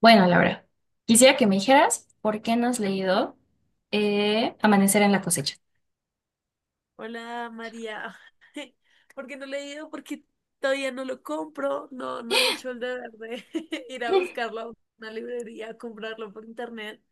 Bueno, Laura, quisiera que me dijeras por qué no has leído Amanecer en la cosecha. Hola María, ¿por qué no le he ido? Porque todavía no lo compro, no, no he hecho el deber de ir a buscarlo a una librería, a comprarlo por internet.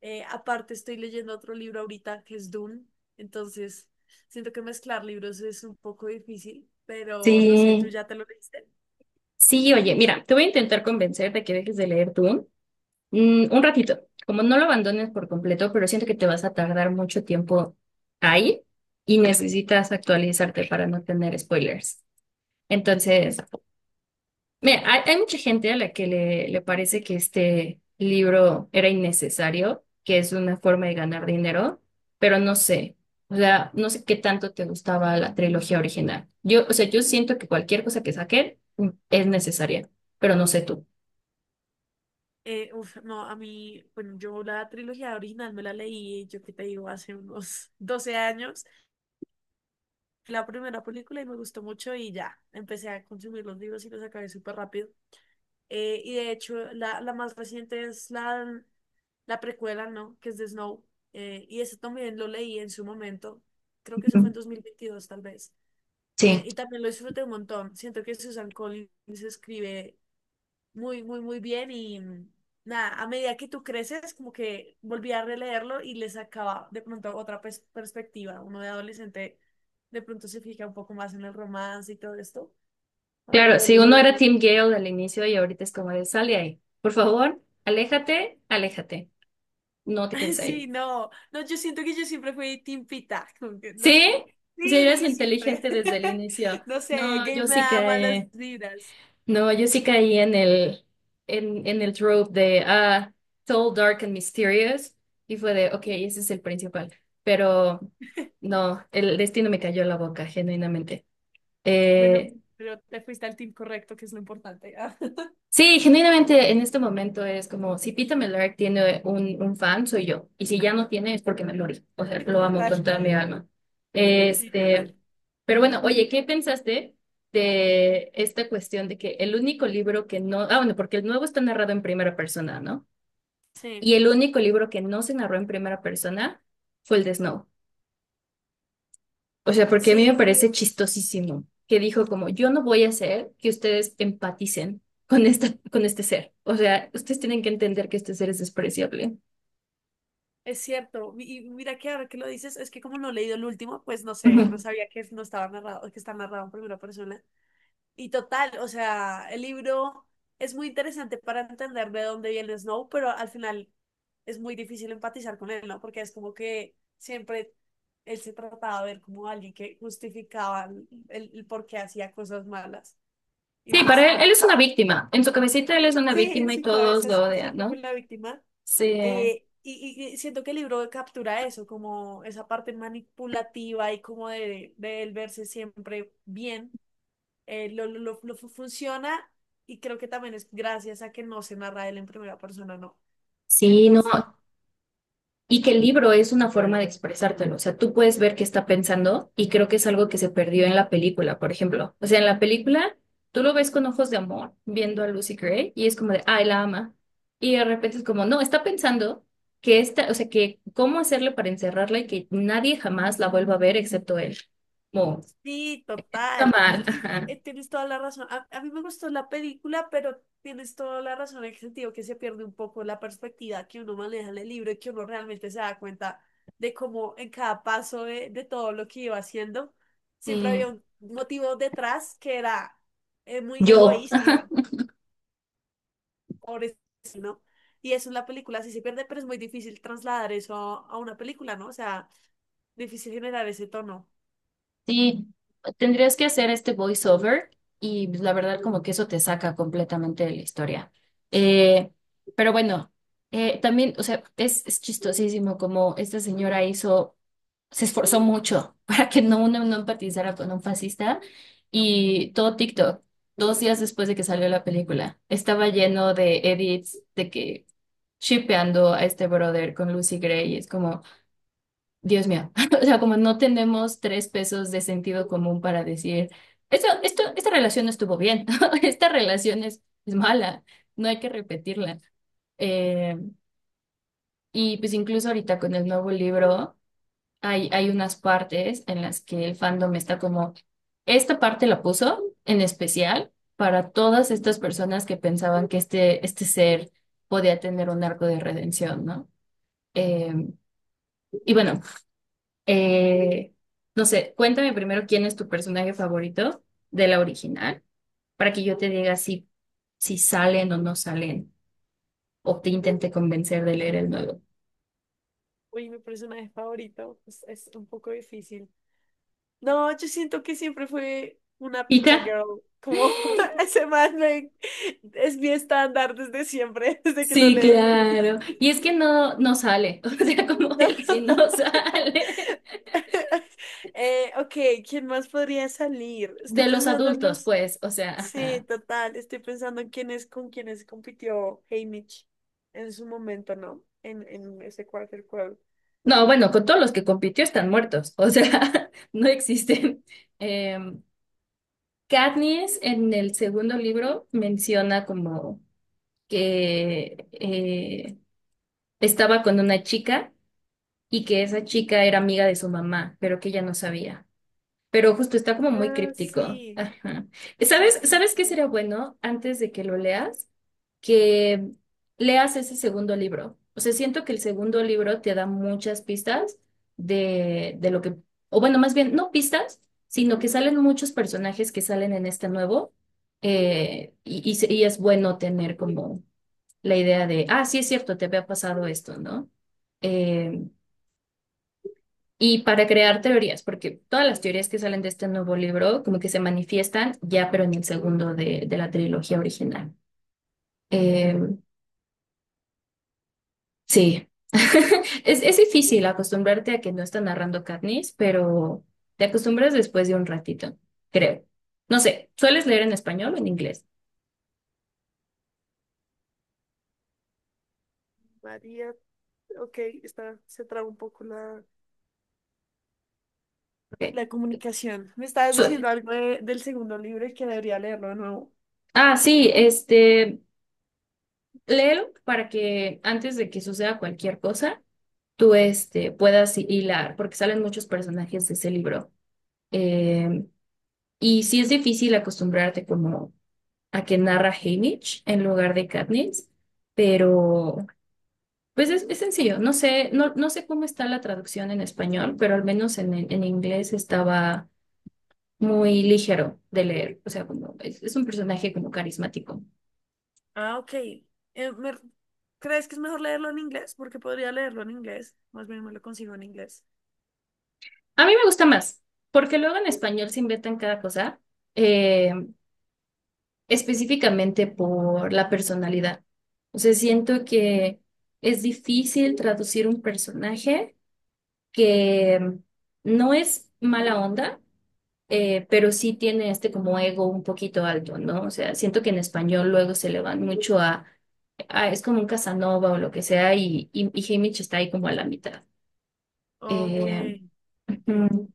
Aparte estoy leyendo otro libro ahorita que es Dune, entonces siento que mezclar libros es un poco difícil, pero no sé, ¿tú Sí, ya te lo leíste? sí, oye, mira, te voy a intentar convencer de que dejes de leer tú un ratito, como no lo abandones por completo, pero siento que te vas a tardar mucho tiempo ahí y necesitas actualizarte para no tener spoilers. Entonces, mira, hay mucha gente a la que le parece que este libro era innecesario, que es una forma de ganar dinero, pero no sé, o sea, no sé qué tanto te gustaba la trilogía original. Yo, o sea, yo siento que cualquier cosa que saquen es necesaria, pero no sé tú. No, a mí, bueno, yo la trilogía original me la leí, yo qué te digo, hace unos 12 años la primera película y me gustó mucho y ya, empecé a consumir los libros y los acabé súper rápido. Y de hecho, la más reciente es la precuela, ¿no? Que es de Snow. Y ese también lo leí en su momento. Creo que eso fue en Ujú. 2022, tal vez. Sí. Y también lo disfruté un montón. Siento que Susan Collins escribe muy, muy, muy bien y nada, a medida que tú creces, como que volví a releerlo y le sacaba de pronto otra perspectiva. Uno de adolescente de pronto se fija un poco más en el romance y todo esto, cuando lo Claro, si vuelves a uno era leer. Team Gale al inicio y ahorita es como de sale ahí, por favor, aléjate, aléjate, no te quedes Sí, ahí. no, no, yo siento que yo siempre fui timpita, como que no. ¿Sí? Si Sí, eres desde siempre. inteligente desde el inicio, No sé, no, Gay yo me sí da malas que... vibras. No, yo sí caí en el trope de ah, Tall, Dark and Mysterious y fue de, ok, ese es el principal, pero no, el destino me cayó en la boca, genuinamente. Bueno, Eh, pero te fuiste al team correcto, que es lo importante. Sí, genuinamente en este momento es como si Peter Mellark tiene un fan, soy yo. Y si ya no tiene es porque me lo morí. O sea, lo amo Total. con toda mi alma. Sí, Este, total. pero bueno, oye, ¿qué pensaste de esta cuestión de que el único libro que no, ah, bueno, porque el nuevo está narrado en primera persona, ¿no? Sí. Y el único libro que no se narró en primera persona fue el de Snow. O sea, porque a mí me Sí, parece chistosísimo que dijo como, yo no voy a hacer que ustedes empaticen con esta, con este ser. O sea, ustedes tienen que entender que este ser es despreciable. es cierto, y mira que ahora que lo dices, es que como no he leído el último, pues no sé, no Ujú. sabía que no estaba narrado, que está narrado en primera persona. Y total, o sea, el libro es muy interesante para entender de dónde viene Snow, pero al final es muy difícil empatizar con él, ¿no? Porque es como que siempre él se trataba de ver como alguien que justificaba el por qué hacía cosas malas. Y Sí, pues para él, él no, es una víctima. En su cabecita él es una sí, en víctima y su todos cabeza lo odian, siempre fue ¿no? la víctima. Sí. Y siento que el libro captura eso, como esa parte manipulativa y como de él verse siempre bien, funciona y creo que también es gracias a que no se narra él en primera persona, ¿no? Sí, no Entonces y que el libro es una forma de expresártelo. O sea, tú puedes ver qué está pensando y creo que es algo que se perdió en la película, por ejemplo. O sea, en la película tú lo ves con ojos de amor viendo a Lucy Gray y es como de, ay, la ama. Y de repente es como, no, está pensando que esta, o sea, que cómo hacerle para encerrarla y que nadie jamás la vuelva a ver excepto él. Como, sí, está total. mal. Y Ajá. Tienes toda la razón. A mí me gustó la película, pero tienes toda la razón en el sentido que se pierde un poco la perspectiva que uno maneja en el libro y que uno realmente se da cuenta de cómo en cada paso de todo lo que iba haciendo, siempre Sí. había un motivo detrás que era muy Yo. egoísta, pobre, ¿no? Y eso en la película sí se pierde, pero es muy difícil trasladar eso a una película, ¿no? O sea, difícil generar ese tono. Sí, tendrías que hacer este voiceover y pues, la verdad como que eso te saca completamente de la historia. Eh, pero bueno, también, o sea, es chistosísimo como esta señora hizo, se esforzó mucho para que no uno no empatizara con un fascista y todo TikTok, dos días después de que salió la película, estaba lleno de edits de que shippeando a este brother con Lucy Gray y es como... Dios mío, o sea, como no tenemos tres pesos de sentido común para decir, esta relación no estuvo bien, esta relación es mala, no hay que repetirla. Eh, y pues incluso ahorita con el nuevo libro hay unas partes en las que el fandom está como, esta parte la puso en especial para todas estas personas que pensaban que este ser podía tener un arco de redención, ¿no? Eh, y bueno, Eh, no sé, cuéntame primero quién es tu personaje favorito de la original, para que yo te diga si, si salen o no salen, o te intente convencer de leer el nuevo. Uy, mi personaje favorito pues, es un poco difícil. No, yo siento que siempre fue una ¿Pita? pizza girl. Como ese es mi estándar desde siempre, desde que lo Sí, leí. claro. Y es que no, no sale, o sea, como No. él sí no sale. Ok, ¿quién más podría salir? Estoy De los pensando en adultos, los... pues, o sea, Sí, ajá. total, estoy pensando en quiénes con quiénes compitió Haymitch en su momento, ¿no? En ese quarter quo. No, bueno, con todos los que compitió están muertos, o sea, no existen. Eh, Katniss en el segundo libro menciona como que estaba con una chica y que esa chica era amiga de su mamá, pero que ella no sabía. Pero justo está como muy Ah, críptico. sí, Ajá. sí, ¿Sabes, sí, sabes qué recuerdo. sería bueno antes de que lo leas? Que leas ese segundo libro. O sea, siento que el segundo libro te da muchas pistas de lo que, o bueno, más bien, no pistas, sino que salen muchos personajes que salen en este nuevo. Y es bueno tener como la idea de, ah, sí es cierto, te había pasado esto, ¿no? Eh, y para crear teorías, porque todas las teorías que salen de este nuevo libro como que se manifiestan ya, pero en el segundo de la trilogía original. Eh, sí, es difícil acostumbrarte a que no está narrando Katniss, pero te acostumbras después de un ratito, creo. No sé, ¿sueles leer en español o en inglés? María, ok, está, se traba un poco Ok, la comunicación. Me estabas diciendo suele. algo del segundo libro y que debería leerlo de nuevo. Ah, sí, este, léelo para que antes de que suceda cualquier cosa, tú este, puedas hilar, porque salen muchos personajes de ese libro. Eh, y sí es difícil acostumbrarte como a que narra Haymitch en lugar de Katniss, pero pues es sencillo. No sé, no, no sé cómo está la traducción en español, pero al menos en inglés estaba muy ligero de leer. O sea, como es un personaje como carismático. Ah, ok. ¿Crees que es mejor leerlo en inglés? Porque podría leerlo en inglés. Más bien me lo consigo en inglés. A mí me gusta más, porque luego en español se inventan cada cosa. Eh, específicamente por la personalidad. O sea, siento que es difícil traducir un personaje que no es mala onda, pero sí tiene este como ego un poquito alto, ¿no? O sea, siento que en español luego se le van mucho a, es como un Casanova o lo que sea, y Haymitch está ahí como a la mitad. Ok, Eh, ok. ujú.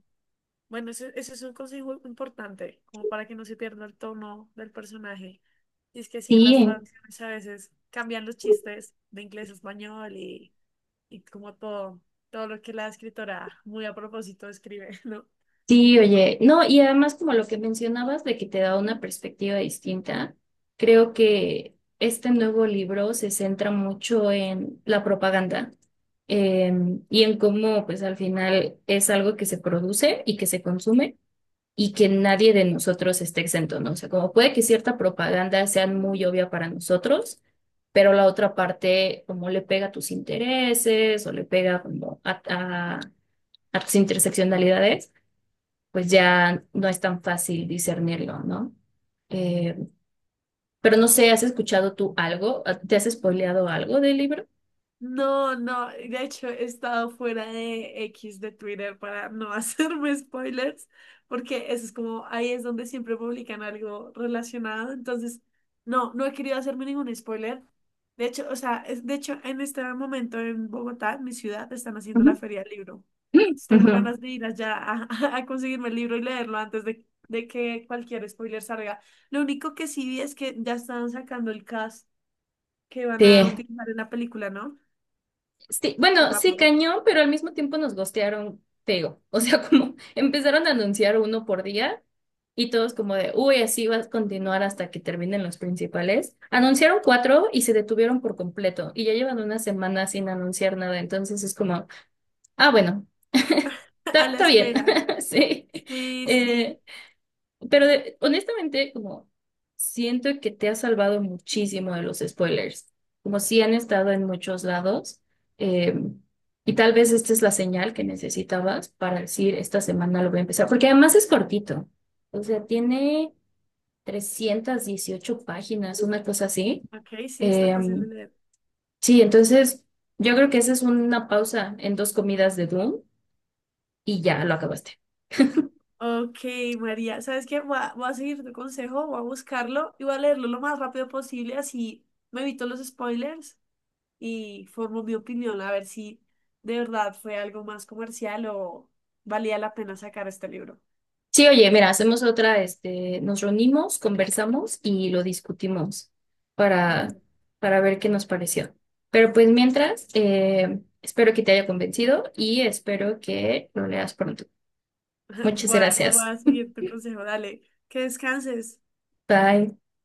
Bueno, ese es un consejo importante, como para que no se pierda el tono del personaje. Y es que sí, en las Sí, traducciones a veces cambian los chistes de inglés a español y como todo, todo lo que la escritora muy a propósito escribe, ¿no? sí, oye, no, y además como lo que mencionabas de que te da una perspectiva distinta, creo que este nuevo libro se centra mucho en la propaganda eh, y en cómo pues al final es algo que se produce y que se consume y que nadie de nosotros esté exento, ¿no? O sea, como puede que cierta propaganda sea muy obvia para nosotros, pero la otra parte como le pega a tus intereses o le pega como a a- a tus interseccionalidades pues ya no es tan fácil discernirlo, ¿no? Eh, pero no sé, ¿has escuchado tú algo? Ah, ¿te has spoileado algo del libro? No, no, de hecho he estado fuera de X de Twitter para no hacerme spoilers, porque eso es como, ahí es donde siempre publican algo relacionado, entonces no, no he querido hacerme ningún spoiler. De hecho, o sea, de hecho en este momento en Bogotá, en mi ciudad, están haciendo Ujú. la feria del libro. Entonces, tengo Ujú. ganas de ir allá a conseguirme el libro y leerlo antes de que cualquier spoiler salga. Lo único que sí vi es que ya están sacando el cast que van a Sí, utilizar en la película, ¿no? sí, Fue bueno, sí, rápido. cañón, pero al mismo tiempo nos gostearon feo. O sea, como empezaron a anunciar uno por día y todos como de, uy, así va a continuar hasta que terminen los principales. Anunciaron cuatro y se detuvieron por completo y ya llevan una semana sin anunciar nada. Entonces es como, ah, bueno, A está, la está bien, espera. sí. Sí, sí. Eh, pero honestamente, como siento que te ha salvado muchísimo de los spoilers, como si han estado en muchos lados, eh, y tal vez esta es la señal que necesitabas para decir, esta semana lo voy a empezar, porque además es cortito, o sea, tiene 318 páginas, una cosa así. Ok, sí, está Eh, fácil de leer. sí, entonces yo creo que esa es una pausa en dos comidas de Doom y ya lo acabaste. Ok, María, ¿sabes qué? Voy a seguir tu consejo, voy a buscarlo y voy a leerlo lo más rápido posible, así me evito los spoilers y formo mi opinión a ver si de verdad fue algo más comercial o valía la pena sacar este libro. Sí, oye, mira, hacemos otra, este, nos reunimos, conversamos y lo discutimos para, Listo. para ver qué nos pareció. Pero pues mientras, espero que te haya convencido y espero que lo leas pronto. Muchas Voy gracias. a seguir tu consejo, dale, que descanses. Bye.